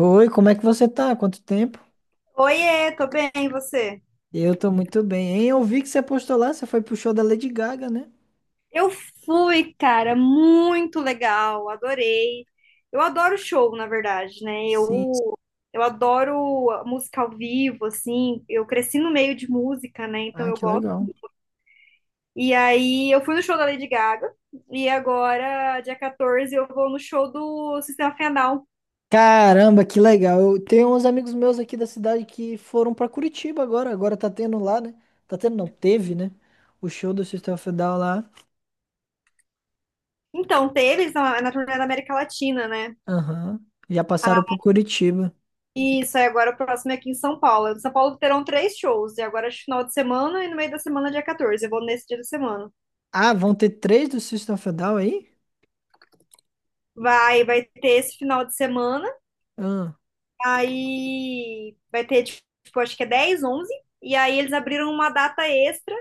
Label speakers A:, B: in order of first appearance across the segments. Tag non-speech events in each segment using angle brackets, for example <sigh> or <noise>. A: Oi, como é que você tá? Quanto tempo?
B: Oiê, tô bem, e você?
A: Eu tô muito bem, hein? Eu vi que você postou lá, você foi pro show da Lady Gaga, né?
B: Eu fui, cara, muito legal, adorei. Eu adoro show, na verdade, né?
A: Sim.
B: Eu adoro a música ao vivo, assim. Eu cresci no meio de música, né? Então
A: Ah,
B: eu
A: que
B: gosto.
A: legal.
B: E aí eu fui no show da Lady Gaga e agora, dia 14, eu vou no show do Sistema Final.
A: Caramba, que legal. Eu tenho uns amigos meus aqui da cidade que foram pra Curitiba agora. Agora tá tendo lá, né? Tá tendo, não, teve, né? O show do System of a Down lá.
B: Então, teve eles na turnê da América Latina, né?
A: Aham. Já passaram pro Curitiba.
B: Isso, aí agora o próximo é aqui em São Paulo. Em São Paulo terão três shows, e agora é final de semana e no meio da semana, dia 14. Eu vou nesse dia da semana.
A: Ah, vão ter três do System of a Down aí?
B: Vai ter esse final de semana,
A: Ah,
B: aí vai ter, tipo, acho que é 10, 11, e aí eles abriram uma data extra,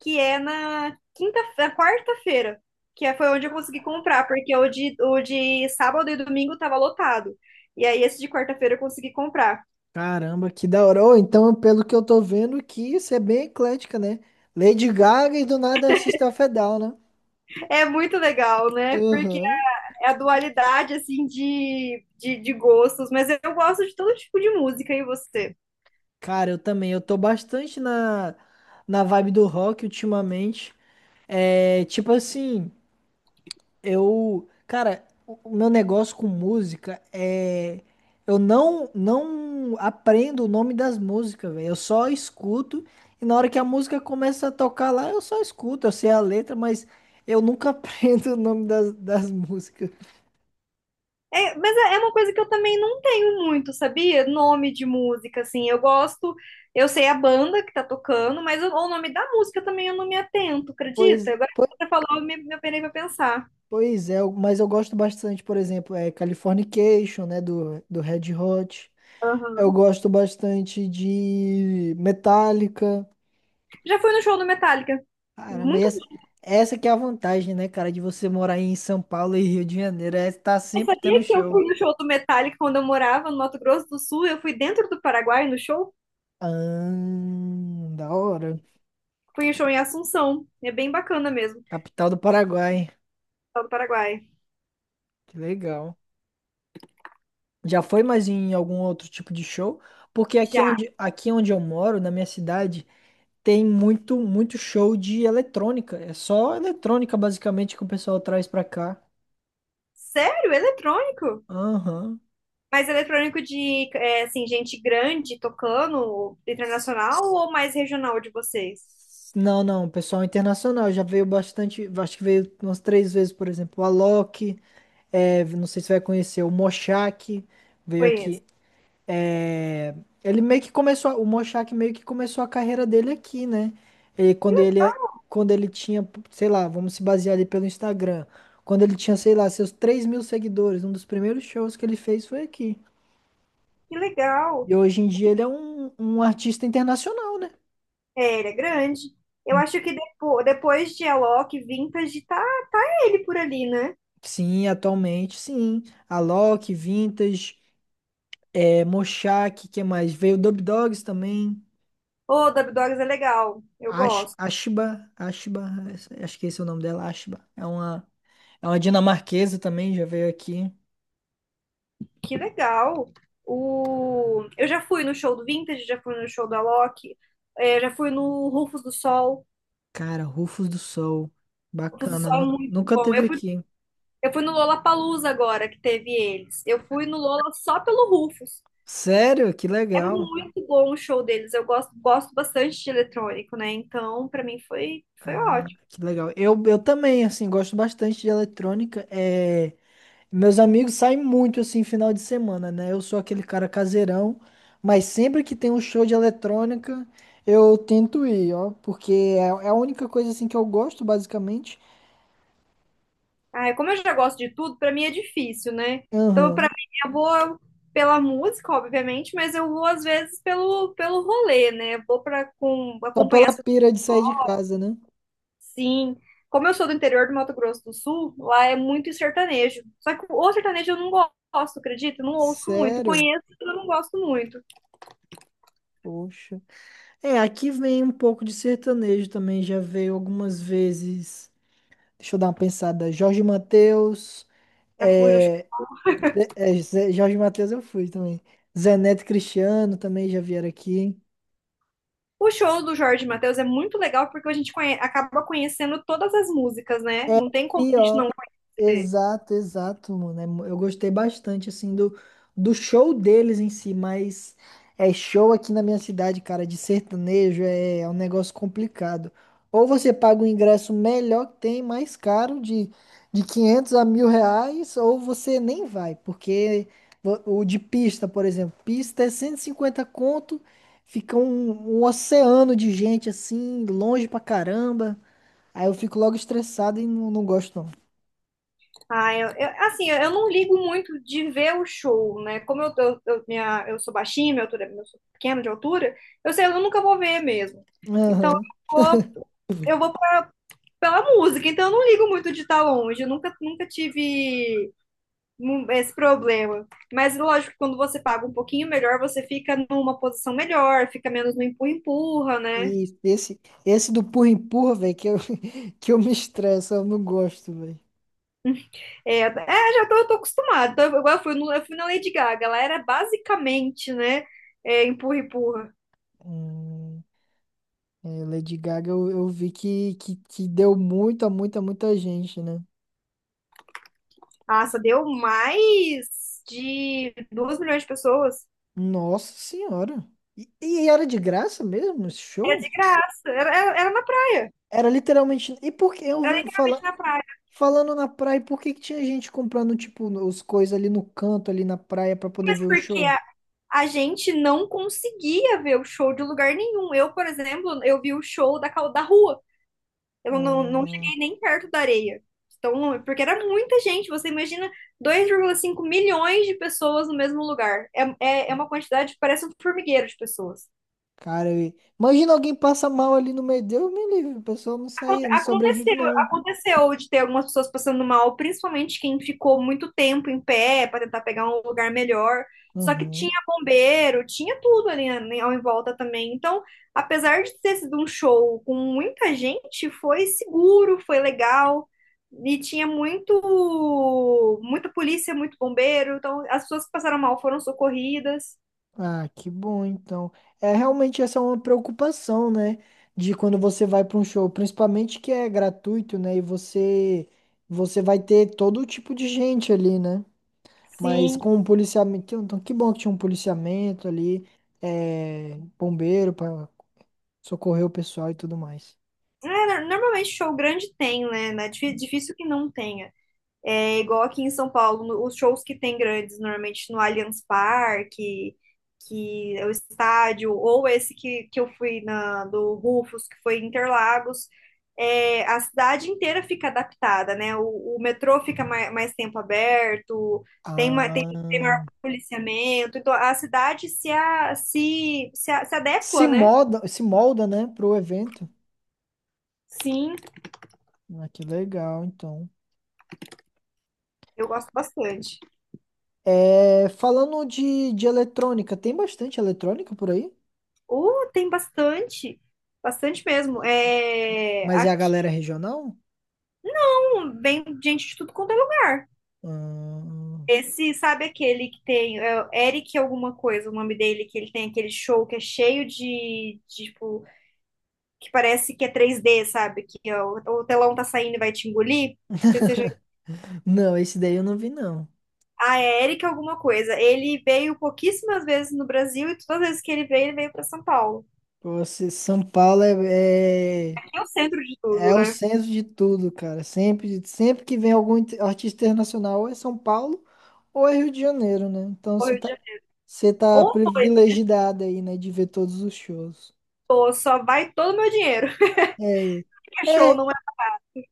B: que é na quinta, na quarta-feira, foi onde eu consegui comprar, porque o de sábado e domingo tava lotado. E aí esse de quarta-feira eu consegui comprar.
A: caramba, que da hora. Ô, então, pelo que eu tô vendo aqui, isso é bem eclética, né? Lady Gaga e do nada System of a Down, né?
B: É muito legal, né?
A: Aham.
B: É a dualidade, assim, de gostos. Mas eu gosto de todo tipo de música, e você?
A: Cara, eu também. Eu tô bastante na vibe do rock ultimamente. É, tipo assim, eu. Cara, o meu negócio com música é. Eu não aprendo o nome das músicas, velho. Eu só escuto. E na hora que a música começa a tocar lá, eu só escuto. Eu sei a letra, mas eu nunca <laughs> aprendo o nome das músicas.
B: É, mas é uma coisa que eu também não tenho muito, sabia? Nome de música, assim. Eu gosto, eu sei a banda que tá tocando, mas o nome da música também eu não me atento, acredita?
A: Pois.
B: Agora que você falou, me apenei pra pensar.
A: Pois é, mas eu gosto bastante, por exemplo, é Californication, né, do Red Hot. Eu
B: Aham.
A: gosto bastante de Metallica.
B: Já fui no show do Metallica.
A: Caramba, e
B: Muito
A: essa que é a vantagem, né, cara, de você morar em São Paulo e Rio de Janeiro, é estar
B: Mas
A: sempre tendo
B: sabia que eu
A: show.
B: fui no show do Metallica quando eu morava no Mato Grosso do Sul? Eu fui dentro do Paraguai no show.
A: Ah, da hora.
B: Fui em um show em Assunção. É bem bacana mesmo, o
A: Capital do Paraguai.
B: pessoal do Paraguai.
A: Que legal. Já foi mais em algum outro tipo de show? Porque aqui é
B: Já.
A: onde, aqui é onde eu moro, na minha cidade, tem muito, muito show de eletrônica. É só eletrônica, basicamente, que o pessoal traz pra cá.
B: Sério? Eletrônico?
A: Aham.
B: Mas eletrônico de, é, assim, gente grande tocando, internacional ou mais regional de vocês?
A: Não, não, pessoal internacional já veio bastante, acho que veio umas três vezes, por exemplo, o Alok, é, não sei se vai conhecer, o Moshak veio
B: Conheço.
A: aqui. É, ele meio que começou, o Mochak meio que começou a carreira dele aqui, né? Ele, quando ele, quando ele tinha, sei lá, vamos se basear ali pelo Instagram. Quando ele tinha, sei lá, seus 3.000 seguidores, um dos primeiros shows que ele fez foi aqui.
B: Que legal.
A: E hoje em dia ele é um artista internacional, né?
B: É, ele é grande. Eu acho que depois de Alok, Vintage, tá ele por ali, né?
A: Sim, atualmente, sim. Alok, Vintage, é, Mochak, que mais? Veio Dub Dogs também.
B: Ô, Dub Dogs é legal. Eu gosto.
A: Ashiba, acho que esse é o nome dela, Ashiba. É uma dinamarquesa também, já veio aqui.
B: Que legal. Eu já fui no show do Vintage, já fui no show do Alok, é, já fui no Rufus do Sol.
A: Cara, Rufos do Sol.
B: Rufus do
A: Bacana.
B: Sol é
A: nu-
B: muito
A: nunca
B: bom.
A: teve aqui.
B: Eu fui no Lollapalooza agora, que teve eles. Eu fui no Lola só pelo Rufus.
A: Sério? Que
B: É
A: legal.
B: muito bom o show deles. Eu gosto bastante de eletrônico, né? Então, pra mim foi
A: Ah,
B: ótimo.
A: que legal. Eu também, assim, gosto bastante de eletrônica. É, meus amigos saem muito, assim, final de semana, né? Eu sou aquele cara caseirão, mas sempre que tem um show de eletrônica, eu tento ir, ó. Porque é a única coisa, assim, que eu gosto, basicamente.
B: Ah, como eu já gosto de tudo, pra mim é difícil, né? Então, pra
A: Aham.
B: mim, eu vou pela música, obviamente, mas eu vou às vezes pelo rolê, né? Eu vou para
A: Só
B: acompanhar
A: pela
B: as
A: pira de sair de casa, né?
B: Sim, como eu sou do interior do Mato Grosso do Sul, lá é muito sertanejo. Só que o sertanejo eu não gosto, acredita? Eu não ouço muito.
A: Sério?
B: Conheço, mas eu não gosto muito.
A: Poxa. É, aqui vem um pouco de sertanejo também, já veio algumas vezes. Deixa eu dar uma pensada. Jorge Mateus,
B: Já fui no show.
A: é, Jorge Mateus eu fui também. Zé Neto e Cristiano também já vieram aqui.
B: O show do Jorge Mateus é muito legal porque a gente acaba conhecendo todas as músicas, né?
A: É
B: Não tem como a gente
A: pior.
B: não conhecer.
A: Exato, exato, mano. É. Eu gostei bastante, assim, do show deles em si, mas é show aqui na minha cidade, cara, de sertanejo é um negócio complicado. Ou você paga um ingresso melhor que tem, mais caro, de R$ 500 a R$ 1.000, ou você nem vai, porque o de pista, por exemplo, pista é 150 conto, fica um oceano de gente, assim, longe pra caramba. Aí eu fico logo estressado e não gosto, não.
B: Ah, assim, eu não ligo muito de ver o show, né? Como eu- minha, Eu sou baixinha, minha altura, eu sou pequena de altura, eu sei, eu nunca vou ver mesmo. Então,
A: Aham.
B: vou, eu vou pela música, então eu não ligo muito de estar longe, eu nunca tive esse problema. Mas lógico que quando você paga um pouquinho melhor, você fica numa posição melhor, fica menos no empurra-empurra, né?
A: E esse do empurra-empurra, velho, que eu, <laughs> que eu me estresso, eu não gosto, velho.
B: Já eu tô acostumada. Então, eu fui no, eu fui na Lady Gaga. Ela era basicamente, né, é, empurra-empurra.
A: Hum, é, Lady Gaga, eu vi que deu muita, muita, muita gente, né?
B: Nossa, deu mais de 2 milhões de pessoas.
A: Nossa Senhora. E era de graça mesmo esse
B: Era de
A: show?
B: graça, era, era na praia,
A: Era literalmente. E por que eu
B: era
A: vi
B: literalmente na praia.
A: falando na praia, por que que tinha gente comprando, tipo, os coisas ali no canto, ali na praia, pra poder
B: Mas
A: ver o
B: porque
A: show?
B: a gente não conseguia ver o show de lugar nenhum. Eu, por exemplo, eu vi o show da rua. Eu não
A: Hum,
B: cheguei nem perto da areia. Então, porque era muita gente. Você imagina 2,5 milhões de pessoas no mesmo lugar. É uma quantidade que parece um formigueiro de pessoas.
A: Cara, imagina alguém passa mal ali no meio. Deus me livre, o pessoal não sai, não sobrevive, não.
B: Aconteceu de ter algumas pessoas passando mal, principalmente quem ficou muito tempo em pé para tentar pegar um lugar melhor. Só que tinha
A: Uhum.
B: bombeiro, tinha tudo ali, né, ao em volta também. Então, apesar de ter sido um show com muita gente, foi seguro, foi legal. E tinha muita polícia, muito bombeiro. Então, as pessoas que passaram mal foram socorridas.
A: Ah, que bom, então. É, realmente essa é uma preocupação, né? De quando você vai para um show, principalmente que é gratuito, né? E você vai ter todo tipo de gente ali, né? Mas
B: Sim.
A: com o policiamento. Então, que bom que tinha um policiamento ali, é, bombeiro para socorrer o pessoal e tudo mais.
B: É, normalmente show grande tem, né? É difícil que não tenha. É igual aqui em São Paulo, os shows que tem grandes, normalmente no Allianz Parque, que é o estádio, ou esse que eu fui na, do Rufus, que foi em Interlagos, é, a cidade inteira fica adaptada, né? O metrô fica mais tempo aberto, tem,
A: Ah,
B: tem maior policiamento, então a cidade se
A: se
B: adequa, né?
A: molda, se molda, né, pro evento.
B: Sim,
A: Ah, que legal, então.
B: eu gosto bastante.
A: É, falando de eletrônica, tem bastante eletrônica por aí?
B: Tem bastante, bastante mesmo. É,
A: Mas é a galera regional?
B: tipo, vem gente de tudo quanto é lugar.
A: Hum,
B: Esse, sabe aquele que tem, é o Eric alguma coisa, o nome dele, que ele tem aquele show que é cheio de, tipo, que parece que é 3D, sabe? Que ó, o telão tá saindo e vai te engolir. Não sei se seja...
A: não, esse daí eu não vi, não.
B: Ah, é Eric alguma coisa. Ele veio pouquíssimas vezes no Brasil e todas as vezes que ele veio pra São Paulo.
A: São Paulo é, é,
B: Aqui é o centro de tudo,
A: é o
B: né?
A: centro de tudo, cara. Sempre que vem algum artista internacional, ou é São Paulo ou é Rio de Janeiro, né? Então
B: Ou
A: você
B: Rio de
A: tá,
B: Janeiro.
A: você tá
B: Ou foi,
A: privilegiado aí, né, de ver todos os shows.
B: ou só vai todo o meu dinheiro.
A: É,
B: <laughs> show
A: é,
B: não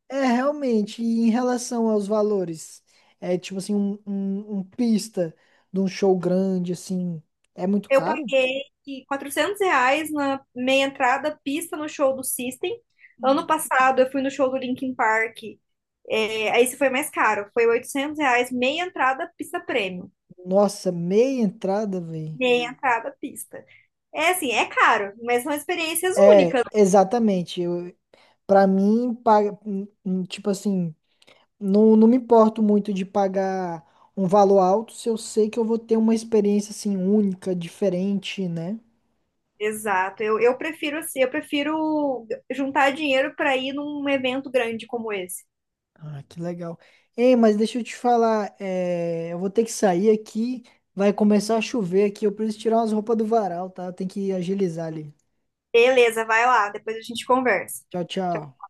A: É, realmente, e em relação aos valores, é tipo assim, um pista de um show grande, assim, é muito
B: Eu
A: caro?
B: paguei R$ 400 na meia entrada, pista no show do System. Ano passado eu fui no show do Linkin Park. É, aí isso foi mais caro. Foi R$ 800, meia entrada, pista prêmio.
A: Nossa, meia entrada, velho.
B: Meia entrada, pista. É assim, é caro, mas são experiências
A: É,
B: únicas.
A: exatamente. Eu, pra mim, paga, tipo assim, não me importo muito de pagar um valor alto se eu sei que eu vou ter uma experiência, assim, única, diferente, né?
B: Exato. Eu prefiro juntar dinheiro para ir num evento grande como esse.
A: Ah, que legal. Ei, mas deixa eu te falar, é, eu vou ter que sair aqui, vai começar a chover aqui, eu preciso tirar umas roupas do varal, tá? Tem que agilizar ali.
B: Beleza, vai lá, depois a gente conversa.
A: Tchau, tchau.